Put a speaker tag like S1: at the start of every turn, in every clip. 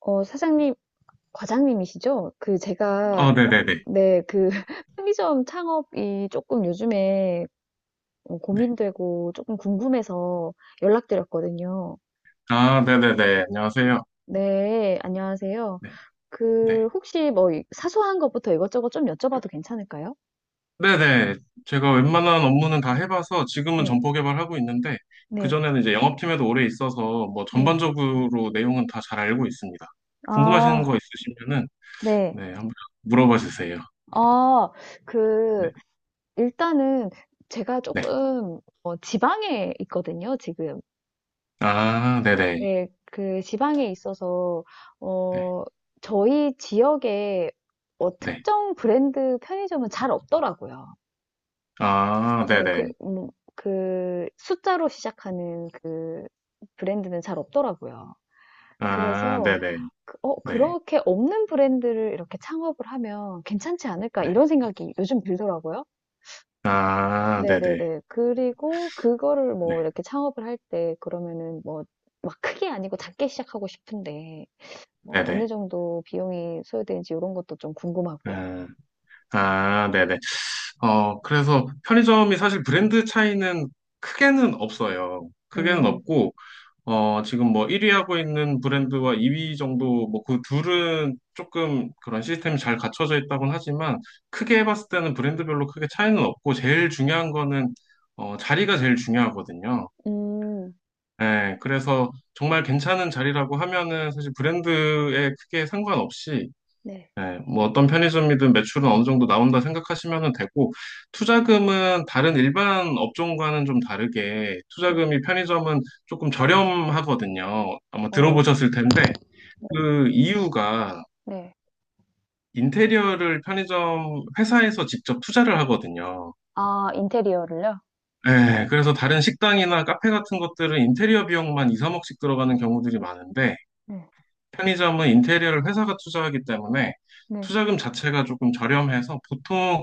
S1: 사장님, 과장님이시죠? 그 제가
S2: 어, 네네네.
S1: 네, 그 편의점 창업이 조금 요즘에
S2: 네.
S1: 고민되고 조금 궁금해서 연락드렸거든요.
S2: 아, 네네네. 안녕하세요.
S1: 네, 안녕하세요.
S2: 네,
S1: 그
S2: 네.
S1: 혹시 뭐 이- 사소한 것부터 이것저것 좀 여쭤봐도 괜찮을까요?
S2: 네네. 제가 웬만한 업무는 다 해봐서 지금은
S1: 네,
S2: 점포 개발하고 있는데,
S1: 네,
S2: 그전에는 이제 영업팀에도 오래 있어서 뭐
S1: 네.
S2: 전반적으로 내용은 다 잘 알고 있습니다. 궁금하신
S1: 아,
S2: 거 있으시면은,
S1: 네.
S2: 네, 한번 물어봐 주세요.
S1: 아,
S2: 네,
S1: 그 일단은 제가
S2: 네.
S1: 조금 지방에 있거든요, 지금.
S2: 아, 네네.
S1: 네, 그 지방에 있어서,
S2: 네,
S1: 어, 저희 지역에
S2: 네.
S1: 특정 브랜드 편의점은 잘 없더라고요.
S2: 아,
S1: 어,
S2: 네네.
S1: 그, 그 숫자로 시작하는 그 브랜드는 잘 없더라고요.
S2: 아,
S1: 그래서,
S2: 네네. 네,
S1: 그렇게 없는 브랜드를 이렇게 창업을 하면 괜찮지 않을까,
S2: 네.
S1: 이런 생각이 요즘 들더라고요.
S2: 아, 네네.
S1: 네네네. 그리고 그거를 뭐
S2: 네,
S1: 이렇게 창업을 할 때, 그러면은 뭐, 막 크게 아니고 작게 시작하고 싶은데, 뭐 어느
S2: 네네.
S1: 정도 비용이 소요되는지 이런 것도 좀 궁금하고요.
S2: 아, 아, 네네. 그래서 편의점이 사실 브랜드 차이는 크게는 없어요. 크게는
S1: 음,
S2: 없고, 지금 뭐 1위 하고 있는 브랜드와 2위 정도, 뭐 그 둘은 조금 그런 시스템이 잘 갖춰져 있다곤 하지만, 크게 해 봤을 때는 브랜드별로 크게 차이는 없고, 제일 중요한 거는, 자리가 제일 중요하거든요.
S1: 음,
S2: 예, 그래서 정말 괜찮은 자리라고 하면은 사실 브랜드에 크게 상관없이
S1: 네,
S2: 네, 뭐 어떤 편의점이든 매출은 어느 정도 나온다 생각하시면 되고, 투자금은 다른 일반 업종과는 좀 다르게,
S1: 네,
S2: 투자금이 편의점은 조금 저렴하거든요. 아마
S1: 어,
S2: 들어보셨을 텐데,
S1: 네.
S2: 그 이유가
S1: 네.
S2: 인테리어를 편의점 회사에서 직접 투자를 하거든요.
S1: 아, 인테리어를요?
S2: 네, 그래서 다른 식당이나 카페 같은 것들은 인테리어 비용만 2, 3억씩 들어가는 경우들이 많은데,
S1: 네.
S2: 편의점은 인테리어를 회사가 투자하기 때문에
S1: 네.
S2: 투자금 자체가 조금 저렴해서 보통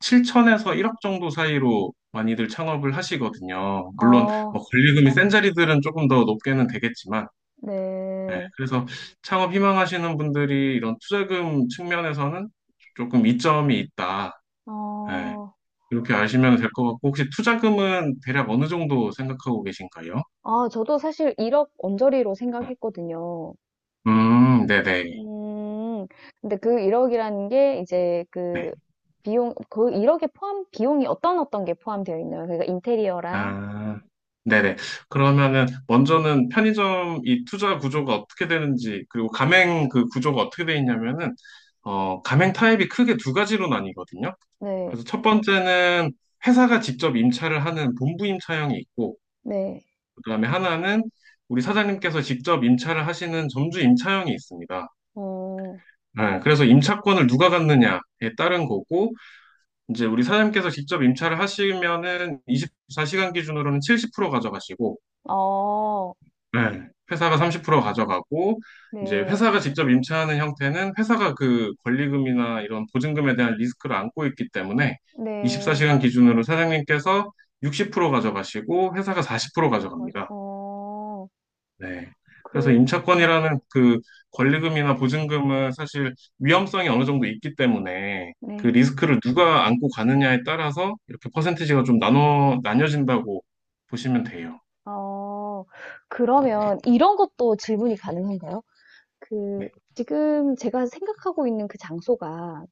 S2: 7천에서 1억 정도 사이로 많이들 창업을 하시거든요. 물론
S1: 어,
S2: 뭐 권리금이 센 자리들은 조금 더 높게는 되겠지만, 네,
S1: 네,
S2: 그래서 창업 희망하시는 분들이 이런 투자금 측면에서는 조금 이점이 있다. 네,
S1: 어,
S2: 이렇게 아시면 될 것 같고, 혹시 투자금은 대략 어느 정도 생각하고 계신가요?
S1: 아, 저도 사실 1억 언저리로 생각했거든요.
S2: 네네.
S1: 음. 근데 그 1억이라는 게 이제
S2: 네.
S1: 그 비용, 그 1억에 포함, 비용이 어떤 게 포함되어 있나요? 그러니까 인테리어랑,
S2: 아, 네네. 그러면은 먼저는 편의점 이 투자 구조가 어떻게 되는지 그리고 가맹 그 구조가 어떻게 돼 있냐면은 가맹 타입이 크게 두 가지로 나뉘거든요.
S1: 네.
S2: 그래서 첫 번째는 회사가 직접 임차를 하는 본부 임차형이 있고
S1: 네.
S2: 그다음에 하나는 우리 사장님께서 직접 임차를 하시는 점주 임차형이 있습니다.
S1: 어,
S2: 네, 그래서 임차권을 누가 갖느냐에 따른 거고 이제 우리 사장님께서 직접 임차를 하시면은 24시간 기준으로는 70% 가져가시고
S1: 어,
S2: 네, 회사가 30% 가져가고, 이제
S1: 네.
S2: 회사가 직접 임차하는 형태는 회사가 그 권리금이나 이런 보증금에 대한 리스크를 안고 있기 때문에
S1: 네.
S2: 24시간 기준으로 사장님께서 60% 가져가시고, 회사가 40%
S1: 그
S2: 가져갑니다.
S1: 아 어,
S2: 네. 그래서
S1: 그 음,
S2: 임차권이라는 그 권리금이나 보증금은 사실 위험성이 어느 정도 있기 때문에 그
S1: 네.
S2: 리스크를 누가 안고 가느냐에 따라서 이렇게 퍼센티지가 좀 나뉘어진다고 보시면 돼요.
S1: 어,
S2: 네.
S1: 그러면 이런 것도 질문이 가능한가요? 그
S2: 네.
S1: 지금 제가 생각하고 있는 그 장소가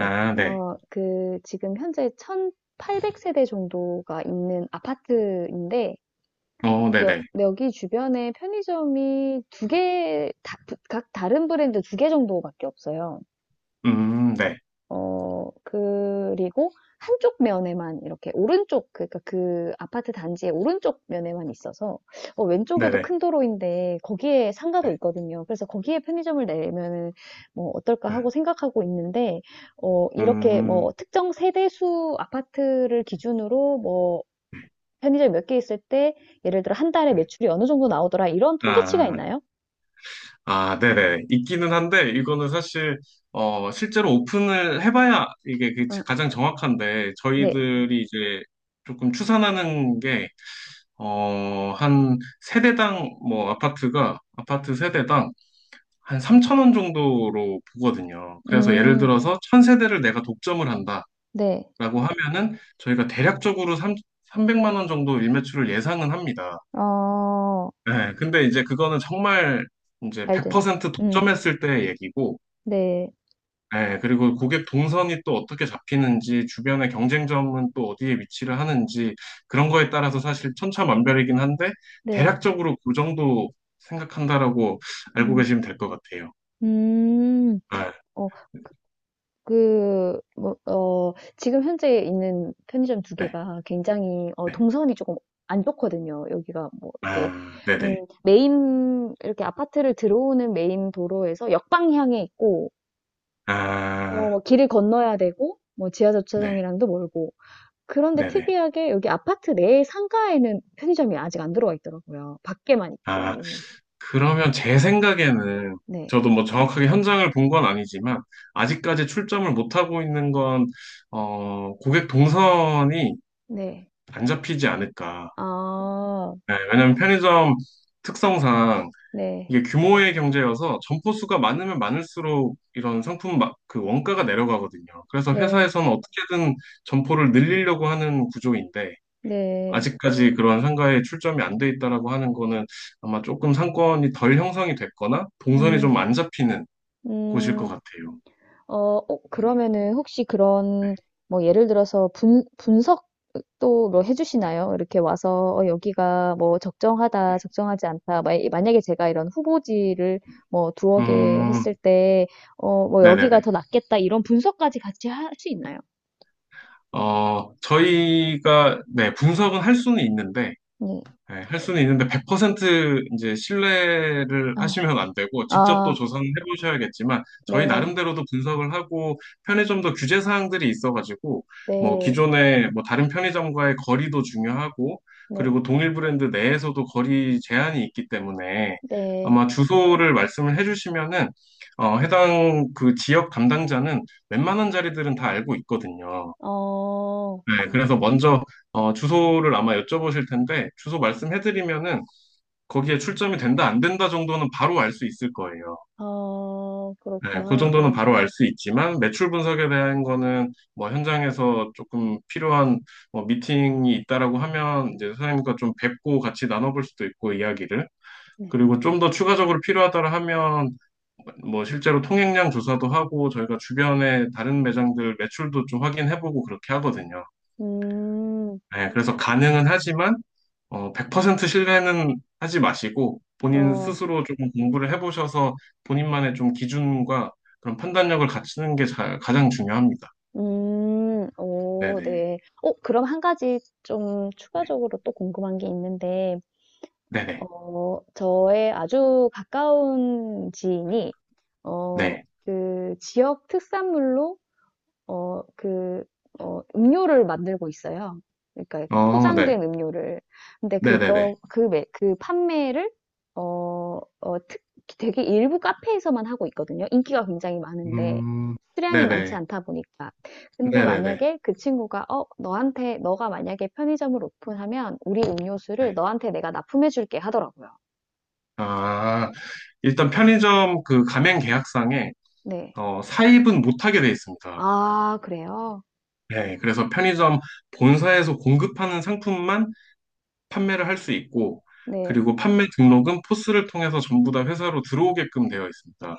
S1: 약,
S2: 네.
S1: 어, 그 지금 현재 1,800 세대 정도가 있는 아파트인데
S2: 어, 네네.
S1: 여기 주변에 편의점이 두 개, 다, 각 다른 브랜드 두 개 정도밖에 없어요.
S2: 네.
S1: 어, 그리고 한쪽 면에만 이렇게 오른쪽, 그러니까 그 아파트 단지의 오른쪽 면에만 있어서 왼쪽에도
S2: 네네.
S1: 큰 도로인데 거기에 상가도
S2: 네.
S1: 있거든요. 그래서 거기에 편의점을 내면은 뭐 어떨까
S2: 네.
S1: 하고 생각하고 있는데 어, 이렇게 뭐
S2: 음,
S1: 특정 세대수 아파트를 기준으로 뭐
S2: 네.
S1: 편의점 몇 개 있을 때 예를 들어 한 달에
S2: 네.
S1: 매출이 어느 정도 나오더라 이런 통계치가
S2: 아,
S1: 있나요?
S2: 아, 네네. 있기는 한데, 이거는 사실, 실제로 오픈을 해봐야 이게 그
S1: 아,
S2: 가장 정확한데,
S1: 네.
S2: 저희들이 이제 조금 추산하는 게, 한 세대당, 뭐, 아파트가, 아파트 세대당 한 3천 원 정도로 보거든요. 그래서 예를
S1: 음,
S2: 들어서 천 세대를 내가 독점을 한다라고
S1: 네.
S2: 하면은, 저희가 대략적으로 삼 300만 원 정도 일매출을 예상은 합니다.
S1: 어,
S2: 네, 근데 이제 그거는 정말 이제
S1: 알든.
S2: 100%
S1: 음,
S2: 독점했을 때의 얘기고,
S1: 네.
S2: 네, 그리고 고객 동선이 또 어떻게 잡히는지, 주변의 경쟁점은 또 어디에 위치를 하는지, 그런 거에 따라서 사실 천차만별이긴 한데,
S1: 네.
S2: 대략적으로 그 정도 생각한다라고 알고
S1: 음.
S2: 계시면 될 것 같아요.
S1: 음.
S2: 아,
S1: 어 그 뭐 어 지금 현재 있는 편의점 두
S2: 네,
S1: 개가 굉장히 어
S2: 네.
S1: 동선이 조금 안 좋거든요. 여기가 뭐 이렇게
S2: 아,
S1: 음
S2: 네네.
S1: 메인 이렇게 아파트를 들어오는 메인 도로에서 역방향에 있고 어
S2: 아,
S1: 뭐 길을 건너야 되고 뭐 지하
S2: 네,
S1: 주차장이랑도 멀고. 그런데
S2: 네네.
S1: 특이하게 여기 아파트 내 상가에는 편의점이 아직 안 들어와 있더라고요. 밖에만
S2: 아,
S1: 있고.
S2: 그러면 제 생각에는
S1: 네.
S2: 저도 뭐 정확하게 현장을 본 건 아니지만 아직까지 출점을 못 하고 있는 건 고객 동선이
S1: 네.
S2: 안 잡히지 않을까.
S1: 아.
S2: 네, 왜냐하면 편의점 특성상
S1: 네.
S2: 이게 규모의 경제여서 점포 수가 많으면 많을수록 이런 상품 그 원가가 내려가거든요. 그래서
S1: 네.
S2: 회사에서는 어떻게든 점포를 늘리려고 하는 구조인데
S1: 네.
S2: 아직까지 그런 상가에 출점이 안 돼 있다라고 하는 거는 아마 조금 상권이 덜 형성이 됐거나 동선이
S1: 음,
S2: 좀 안 잡히는 곳일 것
S1: 음,
S2: 같아요.
S1: 어, 어,
S2: 음,
S1: 그러면은 혹시
S2: 네,
S1: 그런, 뭐, 예를 들어서 분석도 뭐 해주시나요? 이렇게 와서, 어, 여기가 뭐,
S2: 네.
S1: 적정하다, 적정하지 않다. 만약에 제가 이런 후보지를 뭐, 두어 개 했을
S2: 음,
S1: 때, 어, 뭐, 여기가
S2: 네네네.
S1: 더 낫겠다, 이런 분석까지 같이 할 수 있나요?
S2: 저희가, 네, 분석은 할 수는 있는데,
S1: 네.
S2: 네, 할 수는 있는데 100% 이제 신뢰를
S1: 아,
S2: 하시면 안 되고 직접 또
S1: 아,
S2: 조사는 해보셔야겠지만 저희
S1: 네,
S2: 나름대로도 분석을 하고 편의점도 규제 사항들이 있어가지고 뭐
S1: 네,
S2: 기존에 뭐 다른 편의점과의 거리도 중요하고
S1: 네,
S2: 그리고 동일 브랜드 내에서도 거리 제한이 있기 때문에
S1: 네.
S2: 아마 주소를 말씀을 해주시면은 해당 그 지역 담당자는 웬만한 자리들은 다 알고 있거든요.
S1: 어,
S2: 네, 그래서 먼저 주소를 아마 여쭤보실 텐데 주소 말씀해드리면은 거기에 출점이 된다, 안 된다 정도는 바로 알 수 있을 거예요.
S1: 어,
S2: 네, 그
S1: 그렇구나.
S2: 정도는
S1: 어,
S2: 바로 알 수 있지만, 매출 분석에 대한 거는 뭐 현장에서 조금 필요한 뭐 미팅이 있다라고 하면 이제 선생님과 좀 뵙고 같이 나눠볼 수도 있고, 이야기를.
S1: 네.
S2: 그리고 좀 더 추가적으로 필요하다라 하면 뭐 실제로 통행량 조사도 하고 저희가 주변에 다른 매장들 매출도 좀 확인해보고 그렇게 하거든요.
S1: 음.
S2: 네, 그래서 가능은 하지만 100% 신뢰는 하지 마시고 본인
S1: 어.
S2: 스스로 좀 공부를 해보셔서 본인만의 좀 기준과 그런 판단력을 갖추는 게 가장 중요합니다.
S1: 음. 오
S2: 네네.
S1: 네. 어 그럼 한 가지 좀
S2: 네.
S1: 추가적으로 또 궁금한 게 있는데
S2: 네네.
S1: 어 저의 아주 가까운 지인이 어
S2: 네.
S1: 그 지역 특산물로 어, 그, 음료를 만들고 있어요. 그러니까 그
S2: 어, 네.
S1: 포장된 음료를. 근데
S2: 네네네.
S1: 그거, 그, 매, 그 판매를, 어, 어, 특, 되게 일부 카페에서만 하고 있거든요. 인기가 굉장히 많은데,
S2: 음,
S1: 수량이 많지
S2: 네네.
S1: 않다 보니까. 근데
S2: 네네네.
S1: 만약에 그 친구가, 어, 너한테, 너가 만약에 편의점을 오픈하면 우리
S2: 네.
S1: 음료수를 너한테 내가 납품해줄게 하더라고요.
S2: 아, 일단 편의점 그 가맹 계약상에
S1: 네.
S2: 사입은 못하게 돼 있습니다.
S1: 아, 그래요?
S2: 네. 그래서 편의점 본사에서 공급하는 상품만 판매를 할 수 있고,
S1: 네.
S2: 그리고 판매 등록은 포스를 통해서 전부 다 회사로 들어오게끔 되어 있습니다.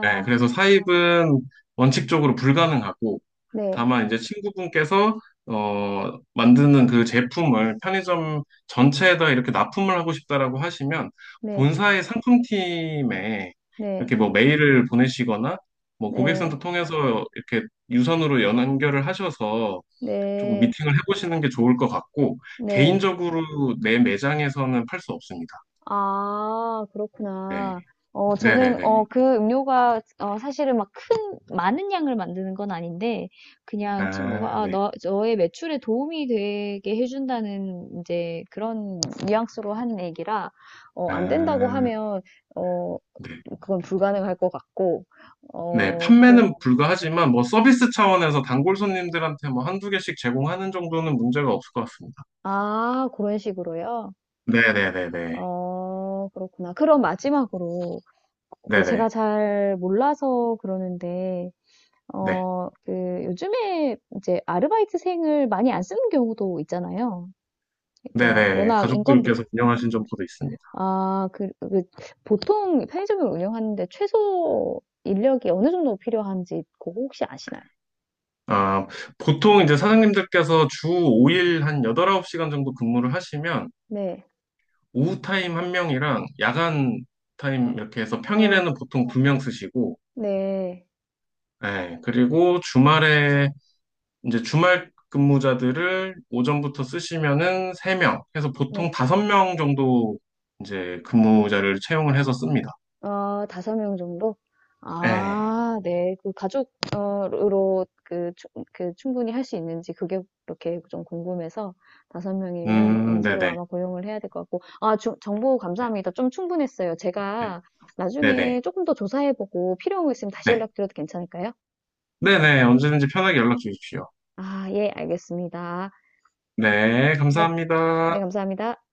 S2: 네, 그래서 사입은 원칙적으로 불가능하고,
S1: 네,
S2: 다만 이제 친구분께서 만드는 그 제품을 편의점 전체에다 이렇게 납품을 하고 싶다라고 하시면
S1: 네,
S2: 본사의 상품팀에
S1: 네,
S2: 이렇게 뭐 메일을 보내시거나 뭐 고객센터
S1: 네.
S2: 통해서 이렇게 유선으로 연결을 하셔서 조금
S1: 네.
S2: 미팅을 해보시는 게 좋을 것 같고,
S1: 네.
S2: 개인적으로 내 매장에서는 팔 수 없습니다.
S1: 아
S2: 네.
S1: 그렇구나. 어 저는 어
S2: 네네네.
S1: 그 음료가 어 사실은 막 큰 많은 양을 만드는 건 아닌데 그냥 친구가
S2: 아,
S1: 아
S2: 네.
S1: "너 너의 매출에 도움이 되게 해 준다."는 이제 그런 뉘앙스로 한 얘기라 어 안 된다고
S2: 아,
S1: 하면 어
S2: 네.
S1: 그건 불가능할 것 같고
S2: 네.
S1: 어 그
S2: 판매는 불가하지만, 뭐, 서비스 차원에서 단골 손님들한테 뭐, 한두 개씩 제공하는 정도는 문제가 없을 것 같습니다.
S1: 아 그런 식으로요?
S2: 네네네네.
S1: 어 그렇구나. 그럼 마지막으로 그
S2: 네네.
S1: 제가 잘 몰라서 그러는데,
S2: 네.
S1: 어, 그 요즘에 이제 아르바이트생을 많이 안 쓰는 경우도 있잖아요. 그러니까
S2: 네네.
S1: 워낙
S2: 가족들께서
S1: 인건비가.
S2: 운영하신 점포도 있습니다.
S1: 아, 그 보통 편의점을 운영하는데 최소 인력이 어느 정도 필요한지 그거 혹시 아시나요?
S2: 아, 보통 이제 사장님들께서 주 5일 한 8, 9시간 정도 근무를 하시면,
S1: 네.
S2: 오후 타임 한 명이랑 야간
S1: 어,
S2: 타임 이렇게 해서
S1: 어,
S2: 평일에는 보통 두 명 쓰시고,
S1: 네.
S2: 예, 그리고 주말에 이제 주말 근무자들을 오전부터 쓰시면은 세 명, 해서 보통
S1: 네.
S2: 다섯 명 정도 이제 근무자를 채용을 해서 씁니다.
S1: 어, 5명 정도?
S2: 예,
S1: 아, 네. 그 가족, 으로 그, 그 충분히 할 수 있는지 그게 그렇게 좀 궁금해서 5명이면 새로
S2: 네네,
S1: 아마 고용을 해야 될 것 같고. 아, 정보
S2: 네,
S1: 감사합니다. 좀 충분했어요. 제가
S2: 네네,
S1: 나중에 조금 더 조사해보고 필요한 거 있으면 다시
S2: 네,
S1: 연락드려도 괜찮을까요?
S2: 네네, 언제든지 편하게 연락 주십시오.
S1: 아, 예, 알겠습니다.
S2: 네,
S1: 네, 네,
S2: 감사합니다.
S1: 감사합니다.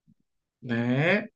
S2: 네.